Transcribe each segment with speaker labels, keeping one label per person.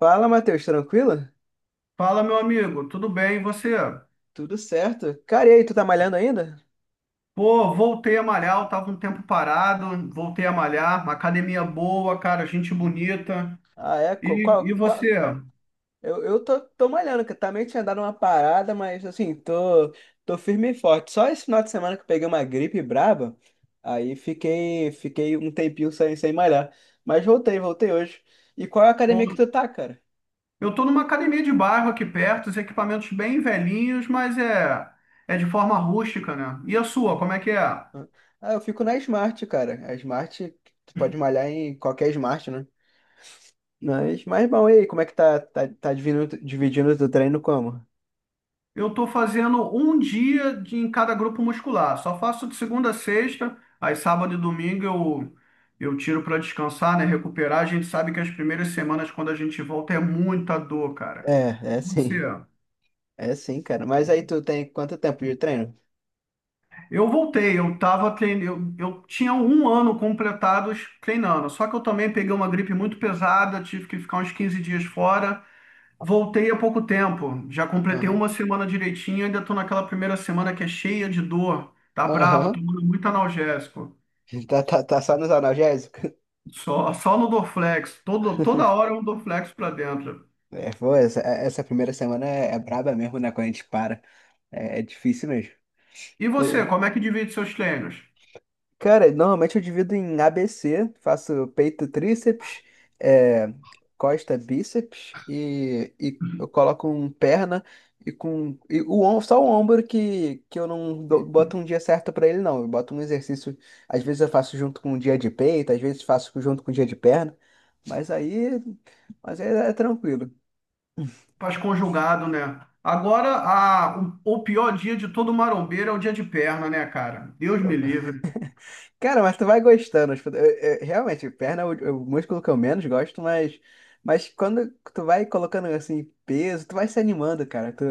Speaker 1: Fala, Matheus, tranquilo?
Speaker 2: Fala, meu amigo, tudo bem? E você?
Speaker 1: Tudo certo? Cara, e aí, tu tá malhando ainda?
Speaker 2: Pô, voltei a malhar, eu tava um tempo parado, voltei a malhar, uma academia boa, cara, gente
Speaker 1: Uhum.
Speaker 2: bonita.
Speaker 1: Ah, é?
Speaker 2: E, e você?
Speaker 1: Eu tô, tô malhando, que eu também tinha dado uma parada, mas assim, tô firme e forte. Só esse final de semana que eu peguei uma gripe braba, aí fiquei um tempinho sem malhar. Mas voltei hoje. E qual é a
Speaker 2: Pô,
Speaker 1: academia que tu tá, cara?
Speaker 2: eu tô numa academia de bairro aqui perto, os equipamentos bem velhinhos, é de forma rústica, né? E a sua,
Speaker 1: Uhum.
Speaker 2: como é que é?
Speaker 1: Ah, eu fico na Smart, cara. A Smart, tu pode malhar em qualquer Smart, né? Mas bom, e aí, como é que tá dividindo, dividindo o teu treino como?
Speaker 2: Eu estou fazendo um dia de, em cada grupo muscular. Só faço de segunda a sexta, aí sábado e domingo eu tiro para descansar, né? Recuperar. A gente sabe que as primeiras semanas, quando a gente volta, é muita dor, cara. E
Speaker 1: É, é
Speaker 2: você?
Speaker 1: sim. É sim, cara. Mas aí tu tem quanto tempo de treino?
Speaker 2: Eu voltei, eu tava treinando, eu tinha um ano completado treinando, só que eu também peguei uma gripe muito pesada, tive que ficar uns 15 dias fora. Voltei há pouco tempo, já completei
Speaker 1: Aham.
Speaker 2: uma semana direitinho, ainda estou naquela primeira semana que é cheia de dor, tá brabo,
Speaker 1: Aham.
Speaker 2: tomando muito analgésico.
Speaker 1: Tá só nos analgésicos?
Speaker 2: Só no Dorflex, toda hora um Dorflex para dentro.
Speaker 1: É, pô, essa primeira semana é, é braba mesmo, né? Quando a gente para. É, é difícil mesmo.
Speaker 2: E você, como é que divide seus treinos?
Speaker 1: Cara, normalmente eu divido em ABC, faço peito, tríceps, é, costa, bíceps e eu coloco um perna e com e o om- só o ombro que eu não dou- boto um dia certo pra ele não. Eu boto um exercício, às vezes eu faço junto com um dia de peito, às vezes faço junto com um dia de perna, mas aí, mas aí é tranquilo.
Speaker 2: Faz conjugado, né? Agora, o pior dia de todo marombeiro é o dia de perna, né, cara? Deus me livre.
Speaker 1: Cara, mas tu vai gostando. Realmente, perna é o, é o músculo que eu menos gosto, mas quando tu vai colocando assim peso, tu vai se animando, cara.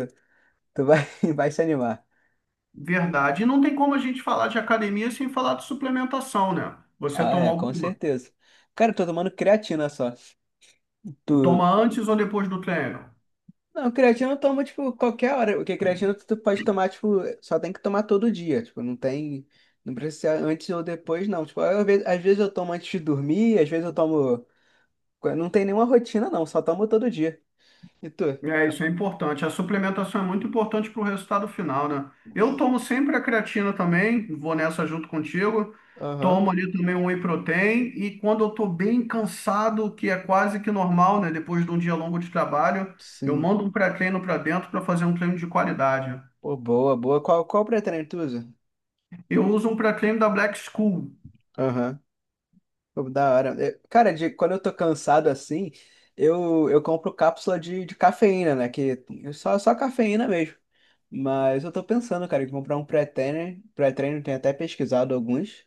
Speaker 1: Tu vai, vai se animar.
Speaker 2: Verdade. E não tem como a gente falar de academia sem falar de suplementação, né? Você
Speaker 1: Ah,
Speaker 2: toma
Speaker 1: é, com
Speaker 2: alguma?
Speaker 1: certeza. Cara, eu tô tomando creatina só. Tu.
Speaker 2: Toma antes ou depois do treino?
Speaker 1: Não, creatina eu tomo, tipo, qualquer hora. Porque creatina tu pode tomar, tipo, só tem que tomar todo dia. Tipo, não tem. Não precisa ser antes ou depois, não. Tipo, às vezes eu tomo antes de dormir, às vezes eu tomo. Não tem nenhuma rotina, não, só tomo todo dia. E tu?
Speaker 2: É, isso é importante. A suplementação é muito importante para o resultado final, né? Eu tomo sempre a creatina também, vou nessa junto contigo.
Speaker 1: Aham,
Speaker 2: Tomo ali também um whey protein e quando eu tô bem cansado, que é quase que normal, né? Depois de um dia longo de trabalho, eu
Speaker 1: sim.
Speaker 2: mando um pré-treino para dentro para fazer um treino de qualidade.
Speaker 1: Pô, boa, boa. Qual, qual pretérito tu usa?
Speaker 2: Eu uso um pré-treino da Black School.
Speaker 1: Aham. Pô, da hora. Cara, quando eu tô cansado assim, eu compro cápsula de cafeína, né? Que é só, só cafeína mesmo. Mas eu tô pensando, cara, em comprar um pré-treino. Pré-treino, tenho até pesquisado alguns.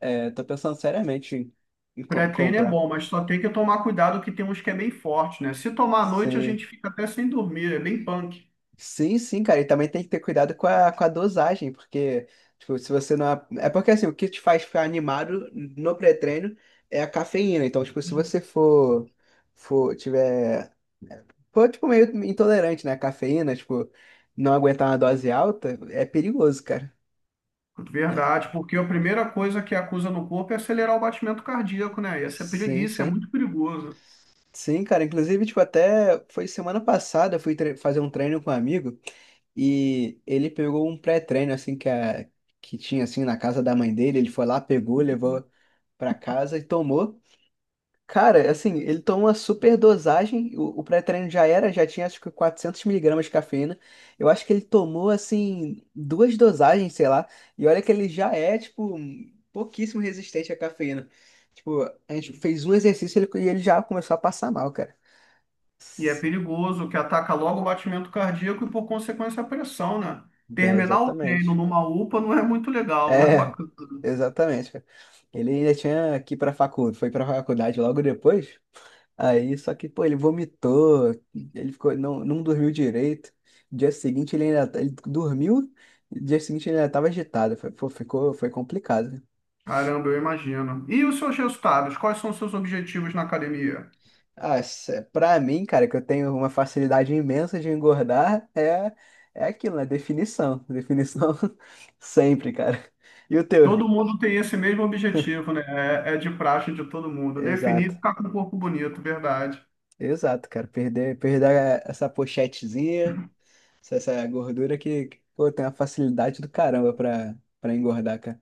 Speaker 1: É, tô pensando seriamente em,
Speaker 2: Pré-treino é
Speaker 1: comprar.
Speaker 2: bom, mas só tem que tomar cuidado que tem uns que é bem forte, né? Se tomar à noite, a
Speaker 1: Sim.
Speaker 2: gente fica até sem dormir, é bem punk.
Speaker 1: Sim, sim, cara. E também tem que ter cuidado com com a dosagem, porque, tipo, se você não. É porque, assim, o que te faz ficar animado no pré-treino é a cafeína. Então, tipo, se você for, tiver, for, tipo, meio intolerante, né, à cafeína, tipo, não aguentar uma dose alta, é perigoso, cara.
Speaker 2: Verdade, porque a primeira coisa que acusa no corpo é acelerar o batimento cardíaco, né? E isso é,
Speaker 1: Sim,
Speaker 2: isso é
Speaker 1: sim.
Speaker 2: muito perigoso.
Speaker 1: Sim, cara. Inclusive, tipo, até foi semana passada, eu fui fazer um treino com um amigo e ele pegou um pré-treino, assim, que tinha, assim, na casa da mãe dele. Ele foi lá, pegou, levou pra casa e tomou. Cara, assim, ele tomou uma super dosagem. O pré-treino já era, já tinha, acho que 400 miligramas de cafeína. Eu acho que ele tomou, assim, duas dosagens, sei lá. E olha que ele já é, tipo, pouquíssimo resistente à cafeína. Tipo, a gente fez um exercício e ele já começou a passar mal, cara.
Speaker 2: E é
Speaker 1: S-
Speaker 2: perigoso que ataca logo o batimento cardíaco e, por consequência, a pressão, né?
Speaker 1: É,
Speaker 2: Terminar o treino
Speaker 1: exatamente.
Speaker 2: numa UPA não é muito legal, não é
Speaker 1: É,
Speaker 2: bacana.
Speaker 1: exatamente, cara. Ele ainda tinha que ir pra faculdade, foi pra faculdade logo depois. Aí, só que, pô, ele vomitou, ele ficou, não, não dormiu direito. Dia seguinte ele ainda, ele dormiu, dia seguinte ele ainda tava agitado. Foi, pô, ficou, foi complicado.
Speaker 2: Caramba, eu imagino. E os seus resultados? Quais são os seus objetivos na academia?
Speaker 1: Ah, pra mim, cara, que eu tenho uma facilidade imensa de engordar, é aquilo, né? Definição. Definição sempre, cara. E o teu?
Speaker 2: Todo mundo tem esse mesmo objetivo, né? É, é de praxe de todo mundo. Definir
Speaker 1: Exato.
Speaker 2: e ficar com o corpo bonito, verdade.
Speaker 1: Exato, cara. Perder essa pochetezinha, essa gordura pô, tem uma facilidade do caramba pra engordar, cara.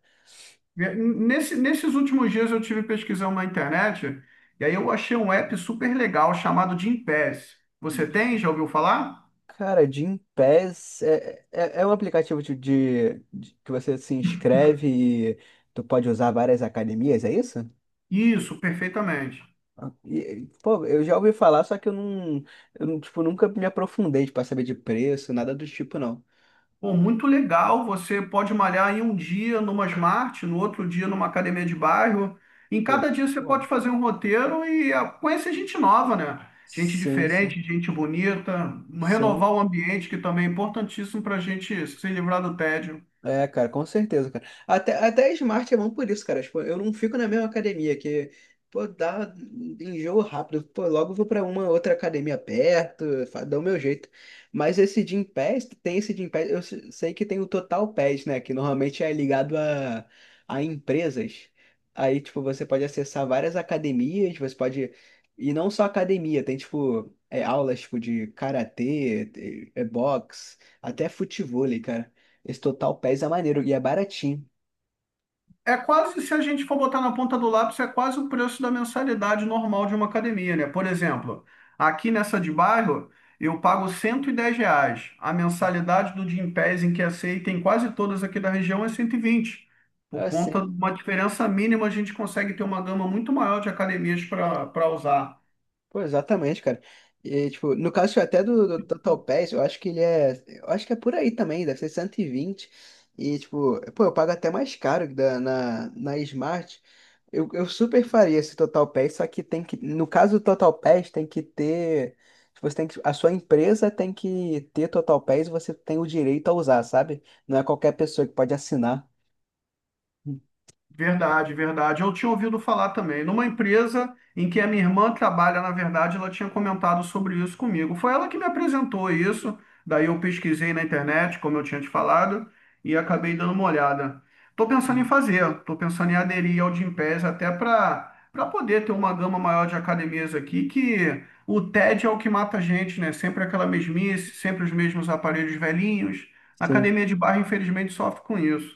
Speaker 2: Nesses últimos dias eu tive pesquisando na internet e aí eu achei um app super legal chamado Gympass. Você
Speaker 1: De-
Speaker 2: tem? Já ouviu falar?
Speaker 1: Cara, Gympass é, é um aplicativo que você se inscreve e tu pode usar várias academias, é isso?
Speaker 2: Isso, perfeitamente.
Speaker 1: Ah, e, pô, eu já ouvi falar, só que eu não, tipo, nunca me aprofundei para saber de preço, nada do tipo, não.
Speaker 2: Pô, muito legal. Você pode malhar em um dia numa Smart, no outro dia numa academia de bairro. Em
Speaker 1: Pô, muito
Speaker 2: cada dia você
Speaker 1: bom.
Speaker 2: pode fazer um roteiro e ah, conhecer gente nova, né? Gente
Speaker 1: Sim, sim.
Speaker 2: diferente, gente bonita,
Speaker 1: Sim.
Speaker 2: renovar o ambiente, que também é importantíssimo para a gente se livrar do tédio.
Speaker 1: É, cara, com certeza, cara. Até Smart é bom por isso, cara. Tipo, eu não fico na mesma academia, que, pô, dá enjoo rápido. Pô, logo vou pra uma outra academia perto, dá o meu jeito. Mas esse Gym Pass, tem esse Gym Pass, eu sei que tem o Total Pass, né? Que normalmente é ligado a empresas. Aí, tipo, você pode acessar várias academias, você pode... E não só academia, tem, tipo, é, aulas, tipo, de karatê, é boxe, até futevôlei, cara. Esse Total Pass é maneiro e é baratinho.
Speaker 2: É quase, se a gente for botar na ponta do lápis, é quase o preço da mensalidade normal de uma academia, né? Por exemplo, aqui nessa de bairro, eu pago R$ 110. A mensalidade do Gympass, em que aceita em quase todas aqui da região, é 120.
Speaker 1: É
Speaker 2: Por conta
Speaker 1: assim,
Speaker 2: de uma diferença mínima, a gente consegue ter uma gama muito maior de academias para usar.
Speaker 1: pô, exatamente, cara. E, tipo, no caso até do Total Pass, eu acho que ele é. Eu acho que é por aí também, deve ser 120. E, vinte. E, tipo, pô, eu pago até mais caro que na Smart. Eu super faria esse Total Pass, só que tem que. No caso do Total Pass, tem que ter. Tipo, você tem que, a sua empresa tem que ter Total Pass e você tem o direito a usar, sabe? Não é qualquer pessoa que pode assinar. Hum,
Speaker 2: Verdade, verdade. Eu tinha ouvido falar também. Numa empresa em que a minha irmã trabalha, na verdade, ela tinha comentado sobre isso comigo. Foi ela que me apresentou isso. Daí eu pesquisei na internet, como eu tinha te falado, e acabei dando uma olhada. Estou pensando em
Speaker 1: hum.
Speaker 2: fazer, estou pensando em aderir ao Gympass até para poder ter uma gama maior de academias aqui, que o TED é o que mata a gente, né? Sempre aquela mesmice, sempre os mesmos aparelhos velhinhos. A
Speaker 1: Sim.
Speaker 2: academia de bairro, infelizmente, sofre com isso.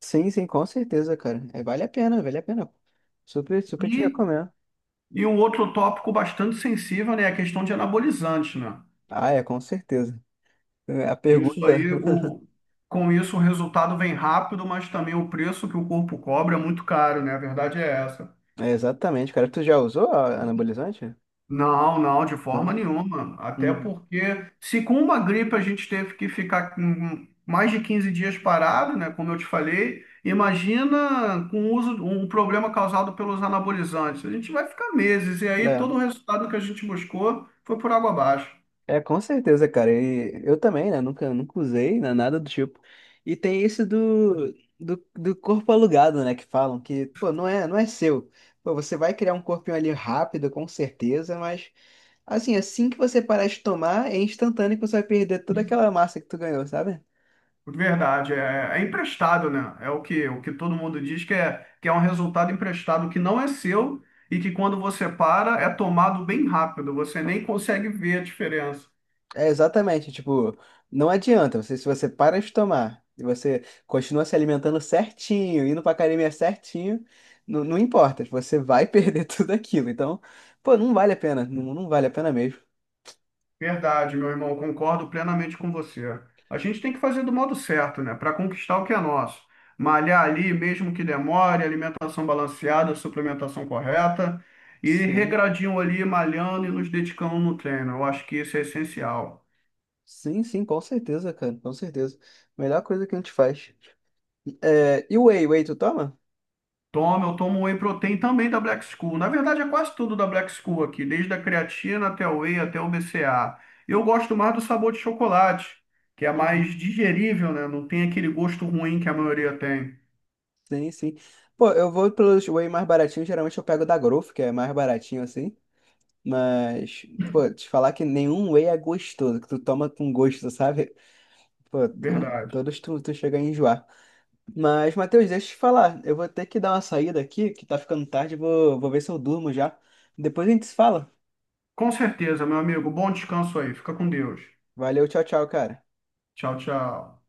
Speaker 1: Sim, sim, com certeza, cara. É, vale a pena, vale a pena. Super, super te
Speaker 2: E
Speaker 1: recomendo.
Speaker 2: E um outro tópico bastante sensível, né, é a questão de anabolizantes, né?
Speaker 1: Ah, é, com certeza. É, a
Speaker 2: Isso
Speaker 1: pergunta.
Speaker 2: aí, o, com isso, o resultado vem rápido, mas também o preço que o corpo cobra é muito caro, né? A verdade é essa.
Speaker 1: É, exatamente, cara. Tu já usou anabolizante?
Speaker 2: Não, não, de forma
Speaker 1: Não.
Speaker 2: nenhuma. Até
Speaker 1: Uhum.
Speaker 2: porque, se com uma gripe a gente teve que ficar com mais de 15 dias parado, né? Como eu te falei, imagina com o uso, um problema causado pelos anabolizantes. A gente vai ficar meses, e aí
Speaker 1: É.
Speaker 2: todo o resultado que a gente buscou foi por água abaixo.
Speaker 1: É, com certeza, cara. E eu também, né? Nunca, nunca usei, né? Nada do tipo. E tem isso do corpo alugado, né? Que falam que, pô, não é seu. Pô, você vai criar um corpinho ali rápido, com certeza, mas assim, assim que você parar de tomar, é instantâneo que você vai perder toda aquela massa que tu ganhou, sabe?
Speaker 2: Verdade, é, é emprestado, né? É o que todo mundo diz que é um resultado emprestado que não é seu e que quando você para é tomado bem rápido, você nem consegue ver a diferença.
Speaker 1: É exatamente, tipo, não adianta, você, se você para de tomar e você continua se alimentando certinho, indo pra academia certinho, não importa, tipo, você vai perder tudo aquilo. Então, pô, não vale a pena, não vale a pena mesmo.
Speaker 2: Verdade, meu irmão, concordo plenamente com você. A gente tem que fazer do modo certo, né? Para conquistar o que é nosso. Malhar ali, mesmo que demore, alimentação balanceada, suplementação correta e
Speaker 1: Sim,
Speaker 2: regradinho ali, malhando e nos dedicando no treino. Eu acho que isso é essencial.
Speaker 1: sim, sim, com certeza, cara, com certeza. Melhor coisa que a gente faz. É, e o whey, whey tu toma?
Speaker 2: Tomo, eu tomo whey protein também da Black School. Na verdade, é quase tudo da Black School aqui, desde a creatina até o whey, até o BCA. Eu gosto mais do sabor de chocolate, que é
Speaker 1: Hum,
Speaker 2: mais digerível, né? Não tem aquele gosto ruim que a maioria tem.
Speaker 1: sim, sim. Pô, eu vou pelos whey mais baratinhos, geralmente eu pego da Growth, que é mais baratinho assim. Mas, pô, te falar que nenhum whey é gostoso, que tu toma com gosto, sabe? Pô,
Speaker 2: Verdade.
Speaker 1: todos tu chega a enjoar. Mas, Matheus, deixa eu te falar. Eu vou ter que dar uma saída aqui, que tá ficando tarde. Vou ver se eu durmo já. Depois a gente se fala.
Speaker 2: Com certeza, meu amigo. Bom descanso aí. Fica com Deus.
Speaker 1: Valeu, tchau, tchau, cara.
Speaker 2: Tchau, tchau.